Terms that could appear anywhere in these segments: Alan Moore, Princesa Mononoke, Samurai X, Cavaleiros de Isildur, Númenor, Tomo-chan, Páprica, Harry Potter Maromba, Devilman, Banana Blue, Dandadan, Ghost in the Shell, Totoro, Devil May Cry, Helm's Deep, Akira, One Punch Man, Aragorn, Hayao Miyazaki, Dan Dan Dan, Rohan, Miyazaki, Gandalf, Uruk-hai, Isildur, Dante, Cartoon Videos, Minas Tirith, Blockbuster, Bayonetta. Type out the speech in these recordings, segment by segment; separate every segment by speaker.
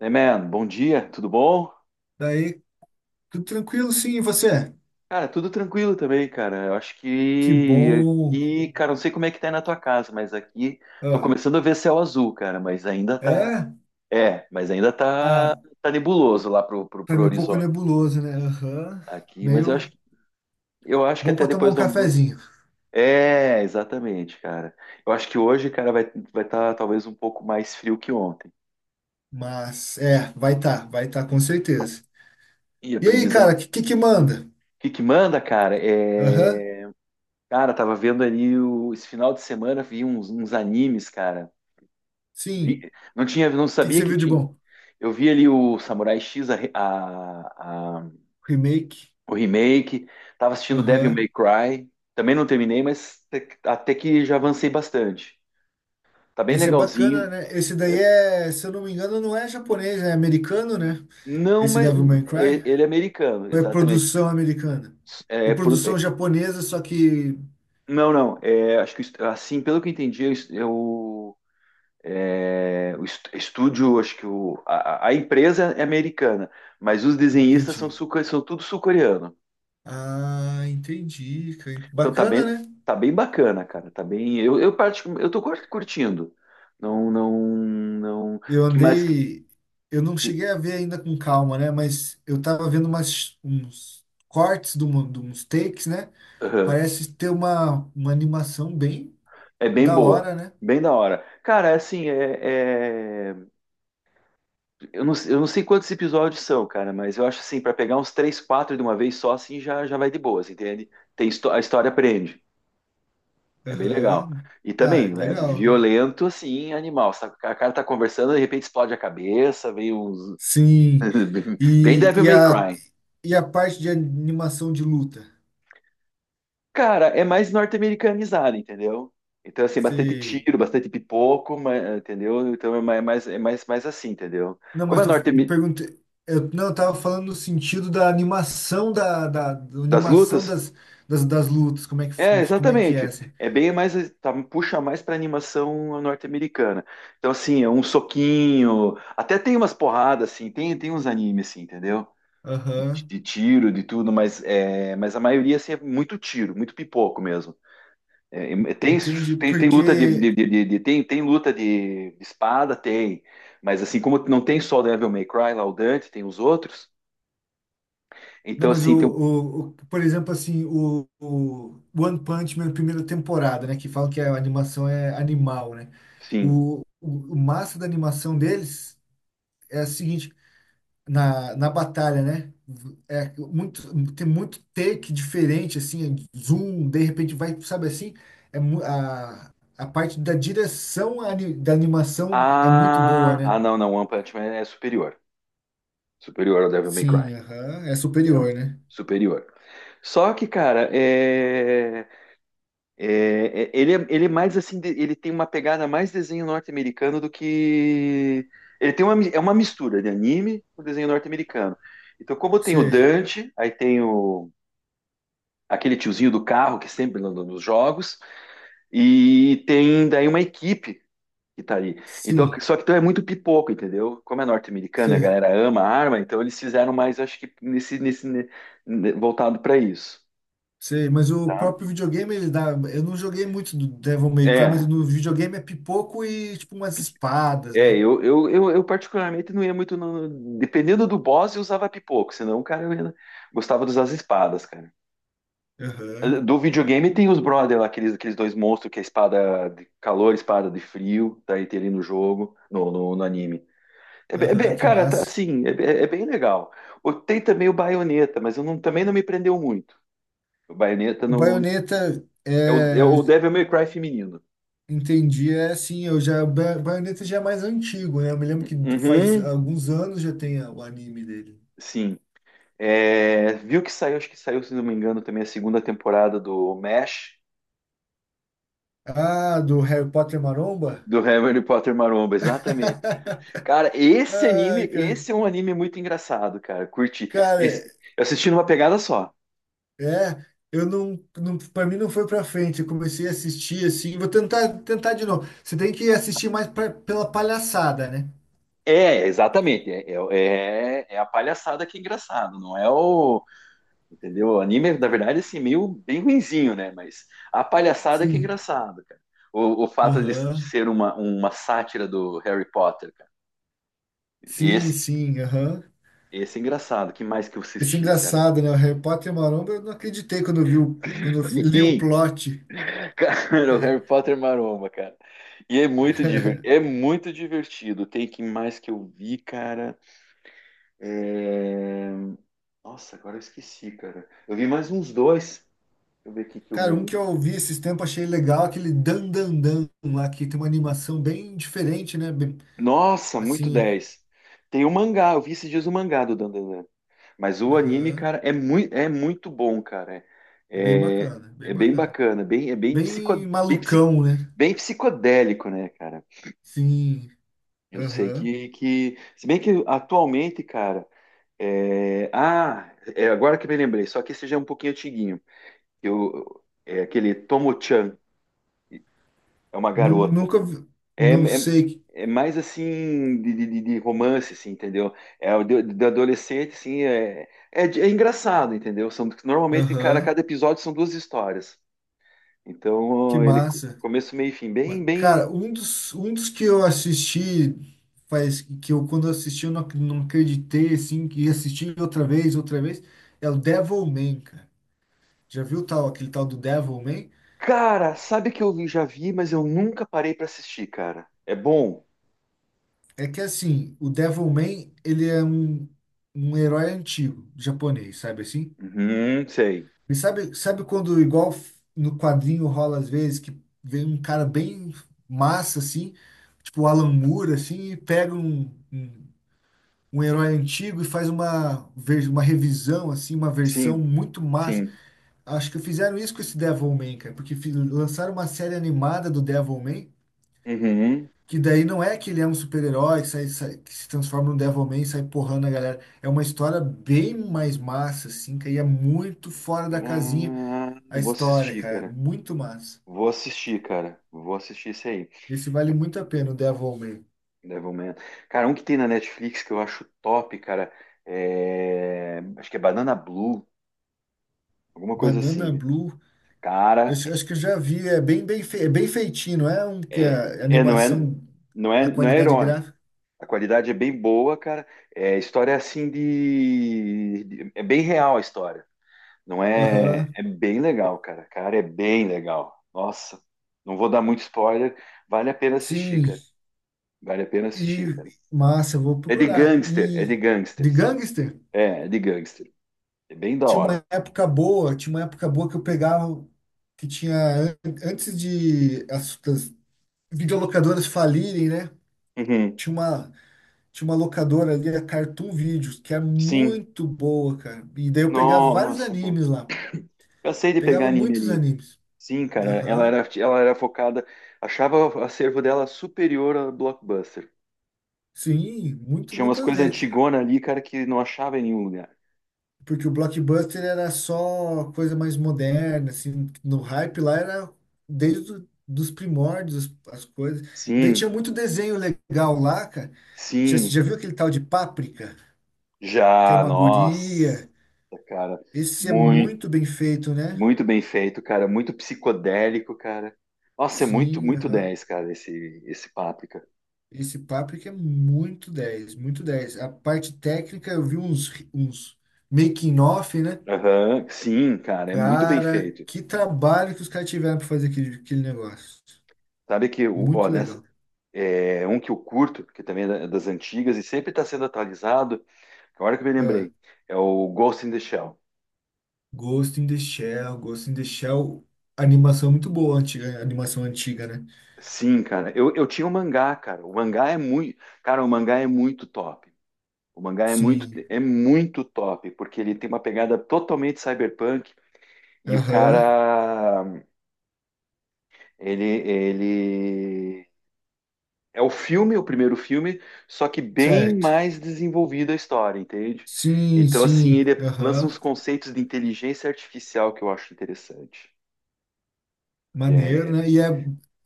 Speaker 1: Hey man, bom dia, tudo bom?
Speaker 2: Daí, tudo tranquilo, sim, e você?
Speaker 1: Cara, tudo tranquilo também, cara. Eu acho
Speaker 2: Que
Speaker 1: que
Speaker 2: bom.
Speaker 1: aqui, cara, não sei como é que tá aí na tua casa, mas aqui tô
Speaker 2: Ah,
Speaker 1: começando a ver céu azul, cara, mas ainda tá.
Speaker 2: é?
Speaker 1: É, mas ainda tá,
Speaker 2: Ah,
Speaker 1: tá nebuloso lá pro, pro,
Speaker 2: pra
Speaker 1: pro
Speaker 2: mim é um pouco
Speaker 1: horizonte
Speaker 2: nebuloso, né? Aham.
Speaker 1: aqui, mas eu acho
Speaker 2: Meio
Speaker 1: eu acho que
Speaker 2: bom
Speaker 1: até
Speaker 2: pra tomar um
Speaker 1: depois do almoço.
Speaker 2: cafezinho.
Speaker 1: É, exatamente, cara. Eu acho que hoje, cara, vai tá talvez um pouco mais frio que ontem.
Speaker 2: Mas, é, vai tá, com certeza.
Speaker 1: E a
Speaker 2: E aí,
Speaker 1: previsão.
Speaker 2: cara,
Speaker 1: O
Speaker 2: que manda?
Speaker 1: que que manda, cara?
Speaker 2: Aham,
Speaker 1: Cara, tava vendo ali esse final de semana, vi uns animes, cara.
Speaker 2: sim.
Speaker 1: Vi- não tinha, não
Speaker 2: O que que
Speaker 1: sabia
Speaker 2: você
Speaker 1: que
Speaker 2: viu de
Speaker 1: tinha.
Speaker 2: bom?
Speaker 1: Eu vi ali o Samurai X, a, re- a-
Speaker 2: Remake.
Speaker 1: o remake, tava assistindo Devil
Speaker 2: Aham.
Speaker 1: May Cry. Também não terminei, mas até que já avancei bastante. Tá bem
Speaker 2: Esse é bacana,
Speaker 1: legalzinho.
Speaker 2: né? Esse daí é, se eu não me engano, não é japonês, é americano, né?
Speaker 1: Não,
Speaker 2: Esse
Speaker 1: mas
Speaker 2: Devil May Cry.
Speaker 1: ele é americano,
Speaker 2: Ou é
Speaker 1: exatamente.
Speaker 2: produção americana? Ou
Speaker 1: É, pro-
Speaker 2: produção
Speaker 1: é-
Speaker 2: japonesa, só que...
Speaker 1: não, não. Acho que assim, pelo que eu entendi, eu, é, o estúdio, acho que o, a empresa é americana, mas os desenhistas são,
Speaker 2: Entendi.
Speaker 1: são tudo sul-coreano.
Speaker 2: Ah, entendi, cara.
Speaker 1: Então
Speaker 2: Bacana, né?
Speaker 1: tá bem bacana, cara. Tá bem. Eu tô curtindo. Não, não, não. O
Speaker 2: Eu
Speaker 1: que mais que.
Speaker 2: andei, eu não
Speaker 1: que-
Speaker 2: cheguei a ver ainda com calma, né? Mas eu tava vendo uns cortes de, uma, de uns takes, né?
Speaker 1: aham.
Speaker 2: Parece ter uma animação bem
Speaker 1: É bem
Speaker 2: da
Speaker 1: boa.
Speaker 2: hora, né?
Speaker 1: Bem da hora. Cara, é assim, eu não, eu não sei quantos episódios são, cara, mas eu acho assim, pra pegar uns três, quatro de uma vez só, assim, já vai de boas, entende? A história prende. É bem legal.
Speaker 2: Aham.
Speaker 1: E
Speaker 2: Ah,
Speaker 1: também, é
Speaker 2: legal.
Speaker 1: violento, assim, animal. A cara tá conversando, de repente explode a cabeça, vem uns.
Speaker 2: Sim.
Speaker 1: Bem
Speaker 2: E,
Speaker 1: Devil
Speaker 2: e,
Speaker 1: May
Speaker 2: a,
Speaker 1: Cry.
Speaker 2: e a parte de animação de luta?
Speaker 1: Cara, é mais norte-americanizado, entendeu? Então, assim, bastante
Speaker 2: Você
Speaker 1: tiro, bastante pipoco, entendeu? Então é mais assim, entendeu?
Speaker 2: Não,
Speaker 1: Como é
Speaker 2: mas eu
Speaker 1: norte
Speaker 2: perguntei. Eu tava falando no sentido da animação da
Speaker 1: das
Speaker 2: animação
Speaker 1: lutas.
Speaker 2: das lutas, como é que,
Speaker 1: É,
Speaker 2: como é que é,
Speaker 1: exatamente.
Speaker 2: assim.
Speaker 1: É bem mais. Tá, puxa mais pra animação norte-americana. Então, assim, é um soquinho. Até tem umas porradas, assim. Tem uns animes, assim, entendeu?
Speaker 2: Aham,
Speaker 1: De tiro, de tudo, mas, é, mas a maioria assim, é muito tiro, muito pipoco mesmo. É, é, tem,
Speaker 2: entendi.
Speaker 1: tem luta
Speaker 2: Porque.
Speaker 1: tem luta de espada, tem, mas assim como não tem só o Devil May Cry, lá o Dante, tem os outros,
Speaker 2: Não,
Speaker 1: então
Speaker 2: mas
Speaker 1: assim tem um.
Speaker 2: o, por exemplo, assim, o One Punch Man primeira temporada, né? Que falam que a animação é animal, né?
Speaker 1: Sim.
Speaker 2: O massa da animação deles é a seguinte. Na na, batalha, né? É muito, tem muito take diferente, assim, zoom, de repente vai, sabe assim? É, a parte da direção da animação é muito boa, né?
Speaker 1: Não, não, o One Punch Man é superior, superior ao Devil May Cry,
Speaker 2: Sim, aham, é
Speaker 1: entendeu?
Speaker 2: superior, né?
Speaker 1: Superior. Só que, cara, ele é mais assim, ele tem uma pegada mais desenho norte-americano do que. Ele tem uma, é uma mistura de anime com desenho norte-americano. Então, como tem o
Speaker 2: Você,
Speaker 1: Dante, aí tem aquele tiozinho do carro que sempre anda nos jogos, e tem daí uma equipe que tá ali. Então,
Speaker 2: sim,
Speaker 1: só que então é muito pipoco, entendeu? Como é norte-americano, a
Speaker 2: você,
Speaker 1: galera ama a arma, então eles fizeram mais, acho que nesse voltado para isso,
Speaker 2: você, mas o
Speaker 1: tá?
Speaker 2: próprio videogame, ele dá. Eu não joguei muito do Devil May Cry, mas
Speaker 1: É.
Speaker 2: no videogame é pipoco e tipo umas espadas,
Speaker 1: É,
Speaker 2: né?
Speaker 1: eu particularmente não ia muito. Dependendo do boss, eu usava pipoco, senão, o cara, gostava de usar as espadas, cara.
Speaker 2: Aham,
Speaker 1: Do videogame tem os brother lá, aqueles dois monstros que é espada de calor, espada de frio, tá aí tem ali no jogo, no anime.
Speaker 2: aham, que
Speaker 1: Cara, tá,
Speaker 2: massa.
Speaker 1: assim, é bem legal. Tem também o Bayonetta, mas eu não- também não me prendeu muito. O Bayonetta
Speaker 2: O
Speaker 1: não. É o
Speaker 2: é
Speaker 1: Devil May Cry feminino.
Speaker 2: Entendi, é assim, eu já, Bayonetta já é mais antigo, né? Eu me lembro que faz
Speaker 1: Uhum,
Speaker 2: alguns anos já tem o anime dele.
Speaker 1: sim. É, viu que saiu, acho que saiu, se não me engano, também a segunda temporada do MASH,
Speaker 2: Ah, do Harry Potter Maromba?
Speaker 1: do Harry Potter Maromba, exatamente. Cara, esse anime,
Speaker 2: Ai, ca-
Speaker 1: esse é um anime muito engraçado, cara. Curti.
Speaker 2: cara,
Speaker 1: Eu assisti numa pegada só.
Speaker 2: é, eu não, não, para mim não foi pra frente, eu comecei a assistir assim, vou tentar tentar de novo. Você tem que assistir mais pela palhaçada, né?
Speaker 1: É, exatamente. É a palhaçada que é engraçado, não é o. Entendeu? O anime, na verdade, assim, meio bem ruinzinho, né? Mas a palhaçada que é
Speaker 2: Sim.
Speaker 1: engraçado, cara. O fato de
Speaker 2: Aham.
Speaker 1: ser uma sátira do Harry Potter, cara.
Speaker 2: Sim,
Speaker 1: Esse,
Speaker 2: sim, aham.
Speaker 1: Esse é engraçado. Que mais que eu
Speaker 2: Esse é
Speaker 1: assisti, cara?
Speaker 2: engraçado, né? O Harry Potter Maromba, eu não acreditei quando eu vi o, quando eu li o
Speaker 1: Sim,
Speaker 2: plot.
Speaker 1: cara, o Harry Potter Maromba, cara. E é muito divertido, é muito divertido. Tem que mais que eu vi, cara. É, Nossa, agora eu esqueci, cara. Eu vi mais uns dois. Deixa eu ver aqui que eu
Speaker 2: Cara,
Speaker 1: me
Speaker 2: um
Speaker 1: li.
Speaker 2: que eu vi esses tempos, achei legal, aquele Dan Dan Dan lá, que tem uma animação bem diferente, né? Bem,
Speaker 1: Nossa, muito
Speaker 2: assim,
Speaker 1: 10. Tem o mangá, eu vi esses dias o mangá do Dandadan. Mas o anime,
Speaker 2: aham,
Speaker 1: cara, é muito bom, cara.
Speaker 2: é bem
Speaker 1: É,
Speaker 2: bacana, bem
Speaker 1: é bem
Speaker 2: bacana.
Speaker 1: bacana, bem,
Speaker 2: Bem
Speaker 1: bem, psi-
Speaker 2: malucão, né?
Speaker 1: bem psicodélico, né, cara?
Speaker 2: Sim,
Speaker 1: Eu sei
Speaker 2: aham.
Speaker 1: que, que. Se bem que atualmente, cara. Ah, é agora que me lembrei, só que esse já é um pouquinho antiguinho. Eu... É aquele Tomo-chan, é uma garota.
Speaker 2: Nunca,
Speaker 1: É,
Speaker 2: não
Speaker 1: é,
Speaker 2: sei,
Speaker 1: É mais assim de romance, assim, entendeu? É o de adolescente, assim, é engraçado, entendeu? São, normalmente, cara,
Speaker 2: aham,
Speaker 1: cada episódio são duas histórias.
Speaker 2: que
Speaker 1: Então, ele
Speaker 2: massa.
Speaker 1: começo, meio e fim,
Speaker 2: Mas,
Speaker 1: bem, bem.
Speaker 2: cara, um dos que eu assisti, faz, que eu quando assisti eu não, não acreditei, assim, que ia assistir outra vez, é o Devilman, cara. Já viu tal, aquele tal do Devilman?
Speaker 1: Cara, sabe que já vi, mas eu nunca parei pra assistir, cara. É bom.
Speaker 2: É que assim, o Devilman, um herói antigo, japonês, sabe assim?
Speaker 1: Uhum, sei.
Speaker 2: E sabe, sabe quando, igual no quadrinho rola às vezes, que vem um cara bem massa, assim, tipo o Alan Moore, assim, e pega um, um herói antigo e faz uma, uma revisão, assim, uma versão
Speaker 1: Sim,
Speaker 2: muito massa.
Speaker 1: sim.
Speaker 2: Acho que fizeram isso com esse Devilman, cara, porque lançaram uma série animada do Devilman,
Speaker 1: Uhum.
Speaker 2: que daí não é que ele é um super-herói que, que se transforma num Devilman e sai porrando a galera. É uma história bem mais massa, assim, que aí é muito fora da casinha
Speaker 1: Ah,
Speaker 2: a
Speaker 1: vou
Speaker 2: história,
Speaker 1: assistir,
Speaker 2: cara.
Speaker 1: cara.
Speaker 2: Muito massa.
Speaker 1: Vou assistir, cara. Vou assistir isso aí.
Speaker 2: Esse vale muito a pena, o Devilman.
Speaker 1: Devilman. Cara, um que tem na Netflix que eu acho top, cara. Acho que é Banana Blue, alguma coisa
Speaker 2: Banana
Speaker 1: assim.
Speaker 2: Blue, eu
Speaker 1: Cara,
Speaker 2: acho acho que eu já vi, é bem, bem, é bem feitinho, não é um que
Speaker 1: é...
Speaker 2: a
Speaker 1: não é...
Speaker 2: animação,
Speaker 1: Não é...
Speaker 2: a
Speaker 1: não é
Speaker 2: qualidade
Speaker 1: herói.
Speaker 2: gráfica.
Speaker 1: A qualidade é bem boa, cara. É, a história é assim é bem real a história. Não é,
Speaker 2: Aham,
Speaker 1: é bem legal, cara. Cara, é bem legal. Nossa, não vou dar muito spoiler. Vale a pena assistir,
Speaker 2: sim,
Speaker 1: cara. Vale a pena assistir,
Speaker 2: e
Speaker 1: cara.
Speaker 2: massa, eu vou
Speaker 1: É de
Speaker 2: procurar.
Speaker 1: gangster, é de
Speaker 2: E de
Speaker 1: gangsters.
Speaker 2: gangster?
Speaker 1: É, é de gangster. É bem da
Speaker 2: Tinha
Speaker 1: hora.
Speaker 2: uma época boa, tinha uma época boa que eu pegava, que tinha, antes de das videolocadoras falirem, né?
Speaker 1: Uhum.
Speaker 2: Tinha uma, tinha uma locadora ali, a Cartoon Videos, que era
Speaker 1: Sim.
Speaker 2: muito boa, cara. E daí eu pegava vários
Speaker 1: Nossa, cara.
Speaker 2: animes lá.
Speaker 1: Cansei de pegar
Speaker 2: Pegava
Speaker 1: anime
Speaker 2: muitos
Speaker 1: ali.
Speaker 2: animes.
Speaker 1: Sim, cara.
Speaker 2: Aham.
Speaker 1: Ela era focada. Achava o acervo dela superior a Blockbuster.
Speaker 2: Sim, muito,
Speaker 1: Tinha umas
Speaker 2: muitas
Speaker 1: coisas
Speaker 2: vezes.
Speaker 1: antigonas ali, cara, que não achava em nenhum lugar.
Speaker 2: Porque o Blockbuster era só coisa mais moderna, assim, no hype lá era desde do, dos primórdios as, as coisas. Daí
Speaker 1: Sim,
Speaker 2: tinha muito desenho legal lá, cara. Já,
Speaker 1: sim.
Speaker 2: já viu aquele tal de Páprica, que é
Speaker 1: Já,
Speaker 2: uma
Speaker 1: nossa,
Speaker 2: guria?
Speaker 1: cara,
Speaker 2: Esse é
Speaker 1: muito,
Speaker 2: muito bem feito, né?
Speaker 1: muito bem feito, cara, muito psicodélico, cara. Nossa, é muito,
Speaker 2: Sim,
Speaker 1: muito
Speaker 2: aham.
Speaker 1: 10, cara, esse Páprica.
Speaker 2: Esse Páprica é muito 10 muito dez. A parte técnica, eu vi uns making off, né?
Speaker 1: Aham, sim, cara, é muito bem
Speaker 2: Cara,
Speaker 1: feito.
Speaker 2: que trabalho que os caras tiveram para fazer aquele, aquele negócio.
Speaker 1: Sabe que, ó,
Speaker 2: Muito
Speaker 1: nessa,
Speaker 2: legal.
Speaker 1: é um que eu curto, que também é das antigas e sempre está sendo atualizado, agora que eu me
Speaker 2: É.
Speaker 1: lembrei, é o Ghost in the Shell.
Speaker 2: Ghost in the Shell, Ghost in the Shell, animação muito boa, antiga, animação antiga, né?
Speaker 1: Sim, cara, eu tinha o mangá, cara, o mangá é muito, cara, o mangá é muito top. O mangá
Speaker 2: Sim.
Speaker 1: é muito top, porque ele tem uma pegada totalmente cyberpunk e o
Speaker 2: Aham.
Speaker 1: cara, ele é o filme, o primeiro filme, só que bem
Speaker 2: Certo.
Speaker 1: mais desenvolvida a história, entende?
Speaker 2: Sim,
Speaker 1: Então, assim,
Speaker 2: sim.
Speaker 1: ele lança
Speaker 2: Aham.
Speaker 1: uns conceitos de inteligência artificial que eu acho interessante, que
Speaker 2: Maneiro,
Speaker 1: é
Speaker 2: né? E é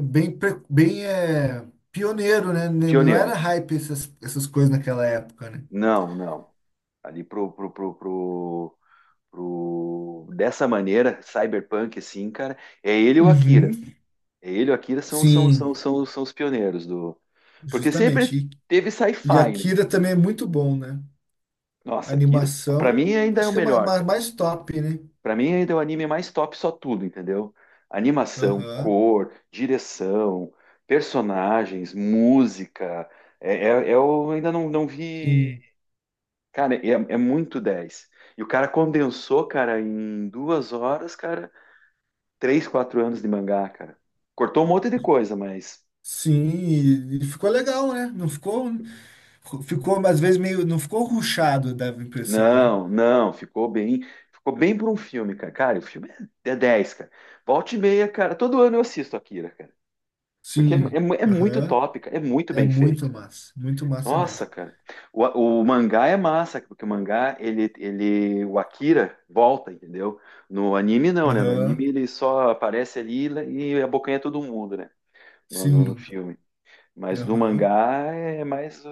Speaker 2: bem, pioneiro, né? N- Não era
Speaker 1: pioneiro.
Speaker 2: hype essas, essas coisas naquela época, né?
Speaker 1: Não, não. Ali pro... dessa maneira, cyberpunk, assim, cara, é ele e o Akira.
Speaker 2: Uhum.
Speaker 1: Ele e o Akira
Speaker 2: Sim,
Speaker 1: são os pioneiros do. Porque sempre
Speaker 2: justamente.
Speaker 1: teve
Speaker 2: E
Speaker 1: sci-fi, né?
Speaker 2: Akira também é muito bom, né? A
Speaker 1: Nossa, Akira, pra mim
Speaker 2: animação,
Speaker 1: ainda é
Speaker 2: acho
Speaker 1: o
Speaker 2: que é
Speaker 1: melhor,
Speaker 2: uma
Speaker 1: cara.
Speaker 2: mais top, né?
Speaker 1: Pra mim ainda é o anime mais top, só tudo, entendeu? Animação,
Speaker 2: Aham.
Speaker 1: cor, direção, personagens, música. Eu ainda não, não vi.
Speaker 2: Sim.
Speaker 1: Cara, é, é muito dez. E o cara condensou, cara, em 2 horas, cara, 3, 4 anos de mangá, cara. Cortou um monte de coisa, mas
Speaker 2: Sim, e ficou legal, né? Não ficou, ficou às vezes meio, não ficou ruchado, dava a impressão, né?
Speaker 1: não, não, ficou bem por um filme, cara. Cara, o filme é 10, cara. Volta e meia, cara. Todo ano eu assisto Akira, cara. Porque é,
Speaker 2: Sim,
Speaker 1: é muito
Speaker 2: aham.
Speaker 1: top, cara. É muito
Speaker 2: É
Speaker 1: bem feito.
Speaker 2: muito massa
Speaker 1: Nossa,
Speaker 2: mesmo.
Speaker 1: cara. O mangá é massa, porque o mangá, ele, o Akira volta, entendeu? No anime não, né? No anime
Speaker 2: Aham,
Speaker 1: ele só aparece ali e abocanha todo mundo, né? No
Speaker 2: sim,
Speaker 1: filme. Mas no
Speaker 2: aham.
Speaker 1: mangá é mais.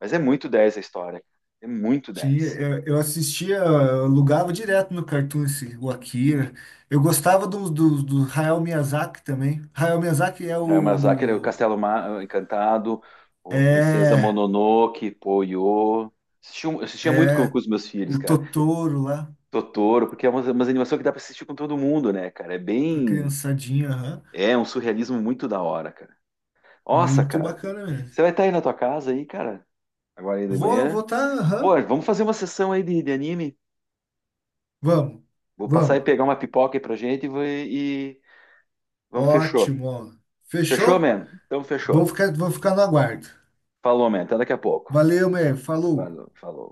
Speaker 1: Mas é muito 10 a história. É muito
Speaker 2: Tinha,
Speaker 1: 10.
Speaker 2: eu assistia, eu alugava direto no Cartoon esse, o Akira. Eu gostava do Hayao Miyazaki também. Hayao Miyazaki é o
Speaker 1: Miyazaki, o
Speaker 2: do,
Speaker 1: Castelo Encantado, o Princesa
Speaker 2: é,
Speaker 1: Mononoke, Poyo. Assistia muito
Speaker 2: é
Speaker 1: com os meus filhos,
Speaker 2: o
Speaker 1: cara.
Speaker 2: Totoro lá,
Speaker 1: Totoro, porque é uma umas animações que dá pra assistir com todo mundo, né, cara? É
Speaker 2: com a
Speaker 1: bem.
Speaker 2: criançadinha, aham.
Speaker 1: É um surrealismo muito da hora, cara. Nossa,
Speaker 2: Muito
Speaker 1: cara.
Speaker 2: bacana mesmo.
Speaker 1: Você vai estar aí na tua casa aí, cara? Agora aí de
Speaker 2: Vou
Speaker 1: manhã?
Speaker 2: votar,
Speaker 1: Pô,
Speaker 2: aham.
Speaker 1: vamos fazer uma sessão aí de anime?
Speaker 2: Vamos,
Speaker 1: Vou passar e
Speaker 2: vamos.
Speaker 1: pegar uma pipoca aí pra gente e, e... Vamos, fechou.
Speaker 2: Ótimo, ó.
Speaker 1: Fechou,
Speaker 2: Fechou?
Speaker 1: man? Então, fechou.
Speaker 2: Vou ficar no aguardo.
Speaker 1: Falou, man. Até daqui a pouco.
Speaker 2: Valeu, meu. Falou.
Speaker 1: Falou, falou.